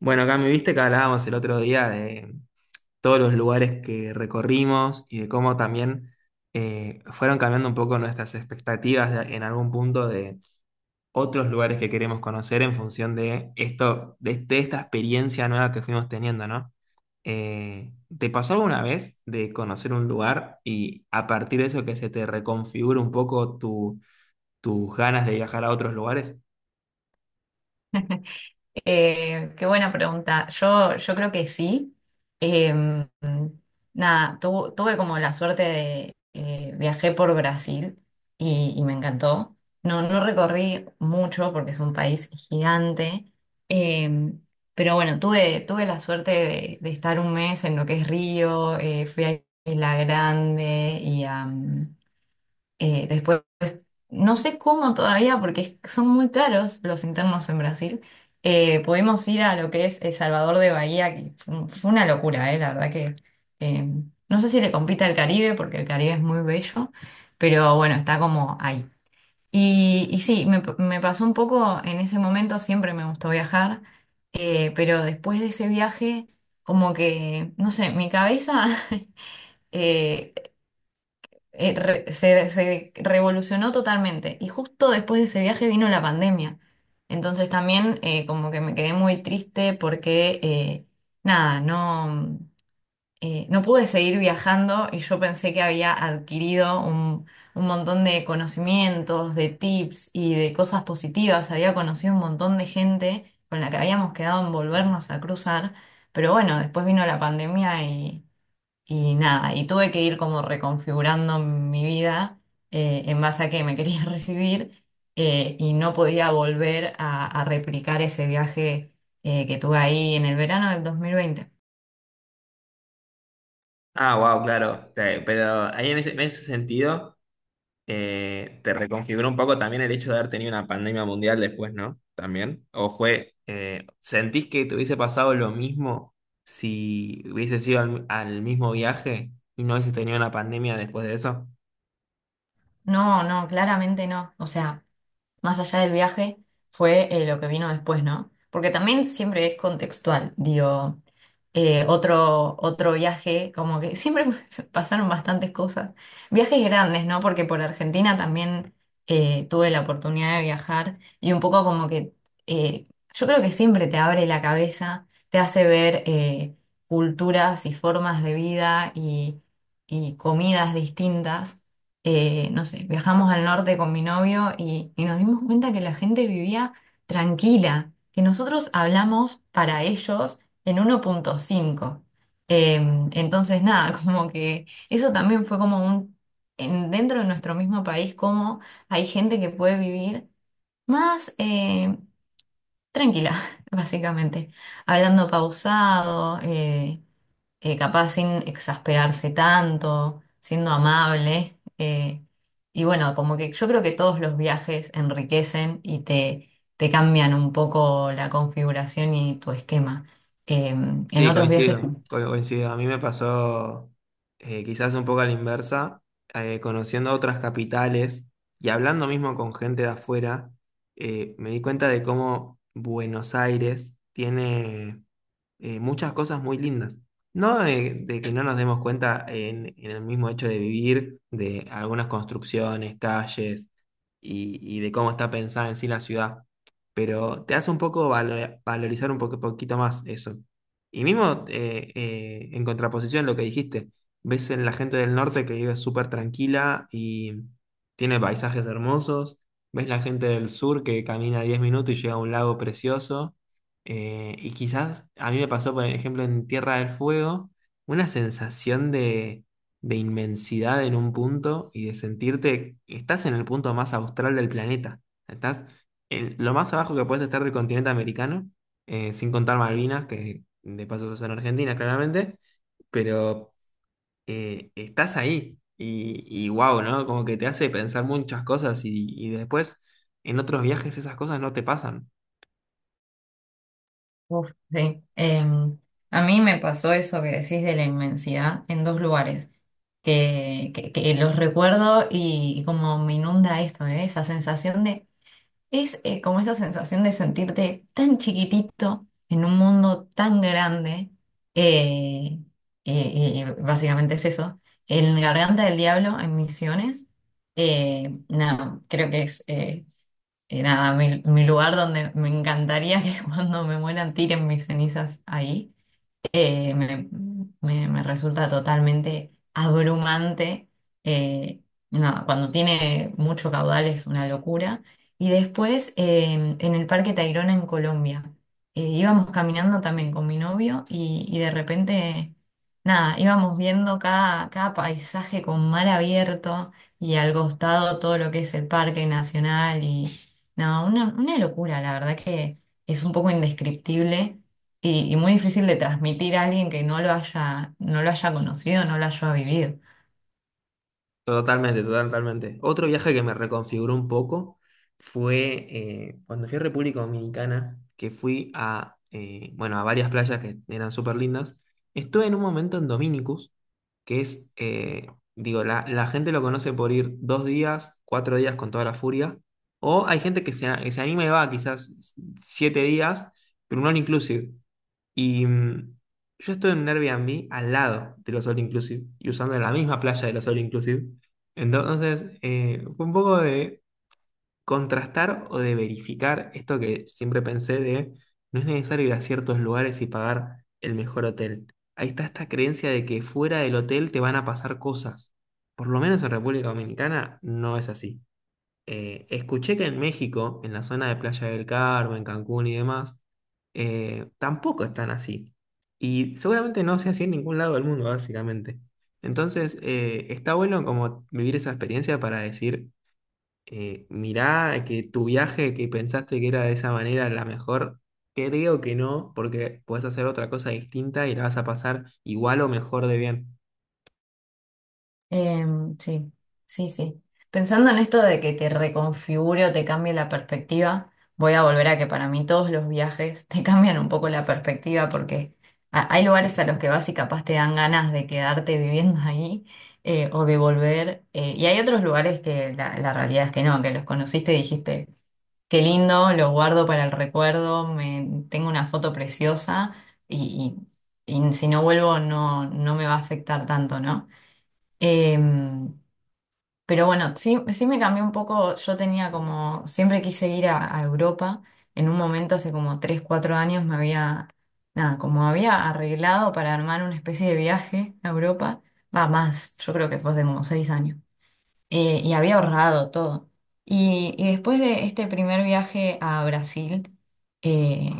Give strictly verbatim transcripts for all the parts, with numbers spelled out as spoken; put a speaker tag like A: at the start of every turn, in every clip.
A: Bueno, acá me viste que hablábamos el otro día de todos los lugares que recorrimos y de cómo también eh, fueron cambiando un poco nuestras expectativas de- en algún punto de otros lugares que queremos conocer en función de esto, de, de esta experiencia nueva que fuimos teniendo, ¿no? Eh, ¿te pasó alguna vez de conocer un lugar y a partir de eso que se te reconfigura un poco tu, tus ganas de viajar a otros lugares?
B: Eh, qué buena pregunta. Yo, yo creo que sí. Eh, Nada, tu- tuve como la suerte de eh, viajé por Brasil y, y me encantó. No, no recorrí mucho porque es un país gigante. Eh, pero bueno, tuve, tuve la suerte de, de estar un mes en lo que es Río. Eh, fui a Isla Grande y a mm, eh, después, no sé cómo todavía, porque es- son muy caros los internos en Brasil. Eh, pudimos ir a lo que es El Salvador de Bahía, que fue, un- fue una locura, eh, la verdad que eh, no sé si le compite al Caribe, porque el Caribe es muy bello, pero bueno, está como ahí. Y, y sí, me, me pasó un poco en ese momento, siempre me gustó viajar, eh, pero después de ese viaje, como que, no sé, mi cabeza eh, eh, re- se, se revolucionó totalmente. Y justo después de ese viaje vino la pandemia. Entonces también eh, como que me quedé muy triste porque eh, nada, no, eh, no pude seguir viajando y yo pensé que había adquirido un, un montón de conocimientos, de tips y de cosas positivas. Había conocido un montón de gente con la que habíamos quedado en volvernos a cruzar. Pero bueno, después vino la pandemia y y nada, y tuve que ir como reconfigurando mi vida eh, en base a que me quería recibir eh, y no podía volver a, a replicar ese viaje eh, que tuve ahí en el verano del dos mil veinte.
A: Ah, wow, claro. Te- Pero ahí en ese, en ese sentido, eh, te reconfiguró un poco también el hecho de haber tenido una pandemia mundial después, ¿no? También. ¿O fue, eh, sentís que te hubiese pasado lo mismo si hubiese sido al, al mismo viaje y no hubiese tenido una pandemia después de eso?
B: No, no, claramente no. O sea. Más allá del viaje, fue eh, lo que vino después, ¿no? Porque también siempre es contextual, digo, eh, otro, otro viaje, como que siempre pasaron bastantes cosas. Viajes grandes, ¿no? Porque por Argentina también eh, tuve la oportunidad de viajar y un poco como que eh, yo creo que siempre te abre la cabeza, te hace ver eh, culturas y formas de vida y, y comidas distintas eh, no sé, viajamos al norte con mi novio y, y nos dimos cuenta que la gente vivía tranquila, que nosotros hablamos para ellos en uno punto cinco. Eh, entonces, nada, como que eso también fue como un, en- dentro de nuestro mismo país, como hay gente que puede vivir más eh, tranquila, básicamente, hablando pausado. Eh, eh, capaz sin exasperarse tanto, siendo amable. Eh, y bueno, como que yo creo que todos los viajes enriquecen y te, te cambian un poco la configuración y tu esquema. Eh, en
A: Sí,
B: otros viajes,
A: coincido, co- coincido. A mí me pasó eh, quizás un poco a la inversa, eh, conociendo otras capitales y hablando mismo con gente de afuera. Eh, me di cuenta de cómo Buenos Aires tiene eh, muchas cosas muy lindas. No de, de que no nos demos cuenta en, en el mismo hecho de vivir, de algunas construcciones, calles y, y de cómo está pensada en sí la ciudad, pero te hace un poco valo- valorizar un poco, poquito más eso. Y mismo eh, eh, en contraposición a lo que dijiste, ves en la gente del norte que vive súper tranquila y tiene paisajes hermosos, ves la gente del sur que camina diez minutos y llega a un lago precioso, eh, y quizás a mí me pasó, por ejemplo, en Tierra del Fuego, una sensación de, de inmensidad en un punto y de sentirte, estás en el punto más austral del planeta, estás en lo más abajo que puedes estar del continente americano, eh, sin contar Malvinas, que de paso son Argentina, claramente, pero eh, estás ahí y, y wow, ¿no? Como que te hace pensar muchas cosas y, y después en otros viajes esas cosas no te pasan.
B: uf, sí. Eh, a mí me pasó eso que decís de la inmensidad en dos lugares. Que, que- que los recuerdo y, como me inunda esto, eh, esa sensación de, es, eh, como esa sensación de sentirte tan chiquitito en un mundo tan grande. eh, eh, eh, Básicamente es eso. En Garganta del Diablo, en Misiones, eh, nada, creo que es eh, eh, nada, mi, mi lugar donde me encantaría que cuando me mueran tiren mis cenizas ahí. eh, me, me- me resulta totalmente abrumante. eh, no, cuando tiene mucho caudal es una locura. Y después eh, en el Parque Tayrona en Colombia, eh, íbamos caminando también con mi novio y, y de repente, nada, íbamos viendo cada, cada paisaje con mar abierto y al costado todo lo que es el Parque Nacional y no, una, una locura, la verdad que es un poco indescriptible y, y muy difícil de transmitir a alguien que no lo haya, no lo haya conocido, no lo haya vivido.
A: Totalmente, totalmente. Otro viaje que me reconfiguró un poco fue eh, cuando fui a República Dominicana, que fui a, eh, bueno, a varias playas que eran súper lindas. Estuve en un momento en Dominicus que es, eh, digo, la, la gente lo conoce por ir dos días, cuatro días con toda la furia, o hay gente que se, a- que se anima y va quizás siete días, pero un all inclusive. Y mm, yo estoy en un Airbnb al lado de los all inclusive y usando la misma playa de los all inclusive. Entonces, eh, fue un poco de contrastar o de verificar esto que siempre pensé de no es necesario ir a ciertos lugares y pagar el mejor hotel. Ahí está esta creencia de que fuera del hotel te van a pasar cosas. Por lo menos en República Dominicana no es así. Eh, escuché que en México, en la zona de Playa del Carmen, Cancún y demás, eh, tampoco están así. Y seguramente no sea así en ningún lado del mundo, básicamente. Entonces, eh, está bueno como vivir esa experiencia para decir eh, mirá que tu viaje que pensaste que era de esa manera la mejor, creo que no, porque puedes hacer otra cosa distinta y la vas a pasar igual o mejor de bien.
B: Eh, sí, sí, sí. Pensando en esto de que te reconfigure o te cambie la perspectiva, voy a volver a que para mí todos los viajes te cambian un poco la perspectiva porque ha- hay lugares a los que vas y capaz te dan ganas de quedarte viviendo ahí eh, o de volver. Eh, y hay otros lugares que la, la realidad es que no, que los conociste y dijiste. Qué lindo, lo guardo para el recuerdo, me, tengo una foto preciosa y, y- y si no vuelvo no, no me va a afectar tanto, ¿no? Em, pero bueno, sí, sí me cambió un poco, yo tenía como, siempre quise ir a, a Europa, en un momento hace como tres cuatro años me había, nada, como había arreglado para armar una especie de viaje a Europa, va más, yo creo que fue hace como seis años eh, y había ahorrado todo. Y, y después de este primer viaje a Brasil, eh,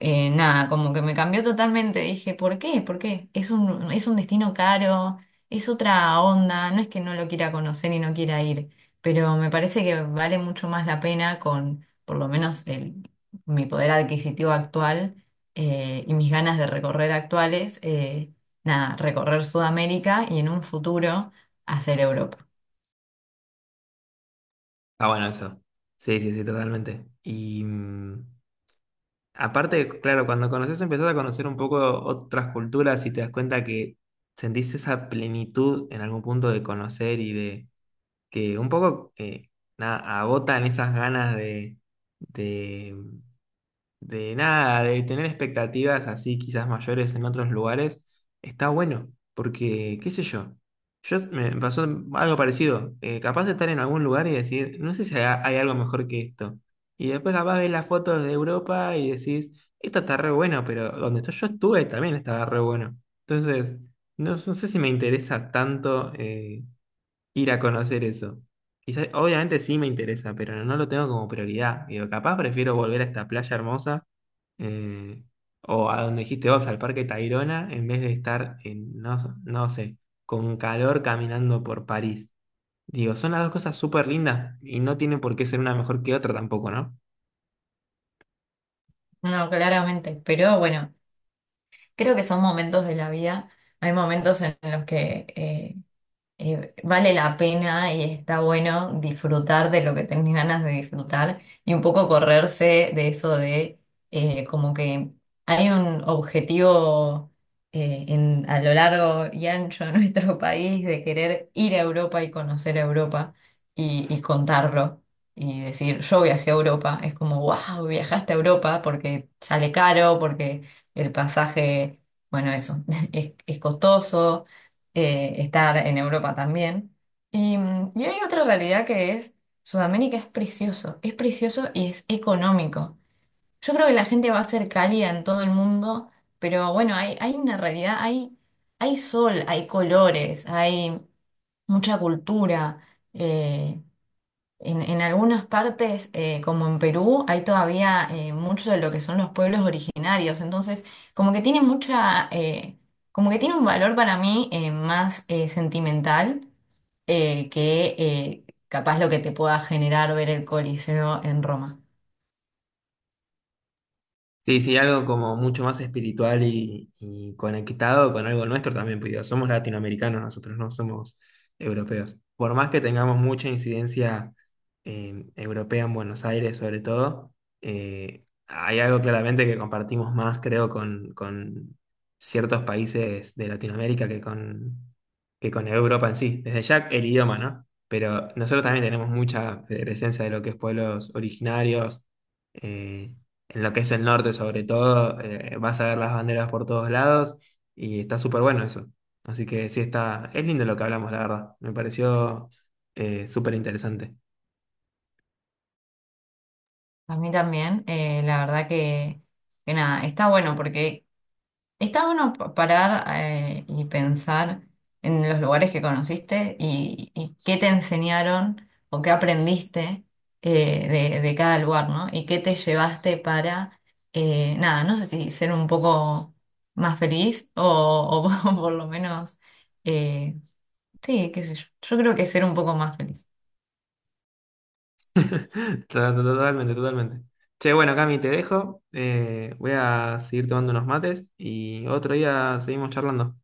B: eh, nada, como que me cambió totalmente. Dije, ¿por qué? ¿Por qué? Es un, es un destino caro, es otra onda, no es que no lo quiera conocer y no quiera ir, pero me parece que vale mucho más la pena con, por lo menos, el, mi poder adquisitivo actual. Eh, y mis ganas de recorrer actuales, eh, nada, recorrer Sudamérica y en un futuro hacer Europa.
A: Ah, bueno, eso. Sí, sí, sí, totalmente. Y mm, aparte, claro, cuando conoces, empezás a conocer un poco otras culturas y te das cuenta que sentiste esa plenitud en algún punto de conocer y de que un poco, eh, nada, agotan esas ganas de... de de nada, de tener expectativas así quizás mayores en otros lugares. Está bueno, porque qué sé yo, yo me pasó algo parecido, eh, capaz de estar en algún lugar y decir, no sé si ha- hay algo mejor que esto, y después capaz ves las fotos de Europa y decís, esto está re bueno, pero donde estoy- yo estuve también estaba re bueno, entonces no, no sé si me interesa tanto eh, ir a conocer eso. Quizás, obviamente sí me interesa, pero no lo tengo como prioridad. Digo, capaz prefiero volver a esta playa hermosa, eh, o a donde dijiste vos, al Parque Tayrona, en vez de estar en, no, no sé, con calor caminando por París. Digo, son las dos cosas súper lindas y no tiene por qué ser una mejor que otra tampoco, ¿no?
B: No, claramente, pero bueno, creo que son momentos de la vida. Hay momentos en los que eh, eh, vale la pena y está bueno disfrutar de lo que tenés ganas de disfrutar y un poco correrse de eso de eh, como que hay un objetivo eh, en- a lo largo y ancho de nuestro país de querer ir a Europa y conocer a Europa y, y contarlo y decir yo viajé a Europa. Es como, wow, viajaste a Europa porque sale caro, porque el pasaje, bueno, eso, es es costoso eh, estar en Europa también. Y, mm, y hay otra realidad que es, Sudamérica es precioso, es precioso y es económico. Yo creo que la gente va a ser cálida en todo el mundo, pero bueno, hay, hay una realidad, hay, hay sol, hay colores, hay mucha cultura. eh, en, en algunas partes, eh, como en Perú, hay todavía eh, mucho de lo que son los pueblos originarios. Entonces, como que tiene mucha, eh, como que tiene un valor para mí eh, más eh, sentimental eh, que eh, capaz lo que te pueda generar ver el Coliseo en Roma.
A: Sí, sí, algo como mucho más espiritual y, y conectado con algo nuestro también, porque digo, somos latinoamericanos nosotros, no somos europeos. Por más que tengamos mucha incidencia eh, europea en Buenos Aires sobre todo, eh, hay algo claramente que compartimos más, creo, con, con ciertos países de Latinoamérica que con, que con Europa en sí. Desde ya el idioma, ¿no? Pero nosotros también tenemos mucha presencia de lo que es pueblos originarios. Eh, en lo que es el norte sobre todo, eh, vas a ver las banderas por todos lados y está súper bueno eso. Así que sí está, es lindo lo que hablamos, la verdad. Me pareció eh, súper interesante.
B: A mí también, eh, la verdad que, que, nada, está bueno porque está bueno pa- parar eh, y pensar en los lugares que conociste y, y qué te enseñaron o qué aprendiste eh, de, de cada lugar, ¿no? Y qué te llevaste para, eh, nada, no sé si ser un poco más feliz o, o por lo menos, eh, sí, qué sé yo. Yo creo que ser un poco más feliz.
A: To- to- Totalmente, totalmente. Che, bueno, Cami, te dejo. Eh, voy a seguir tomando unos mates y otro día seguimos charlando.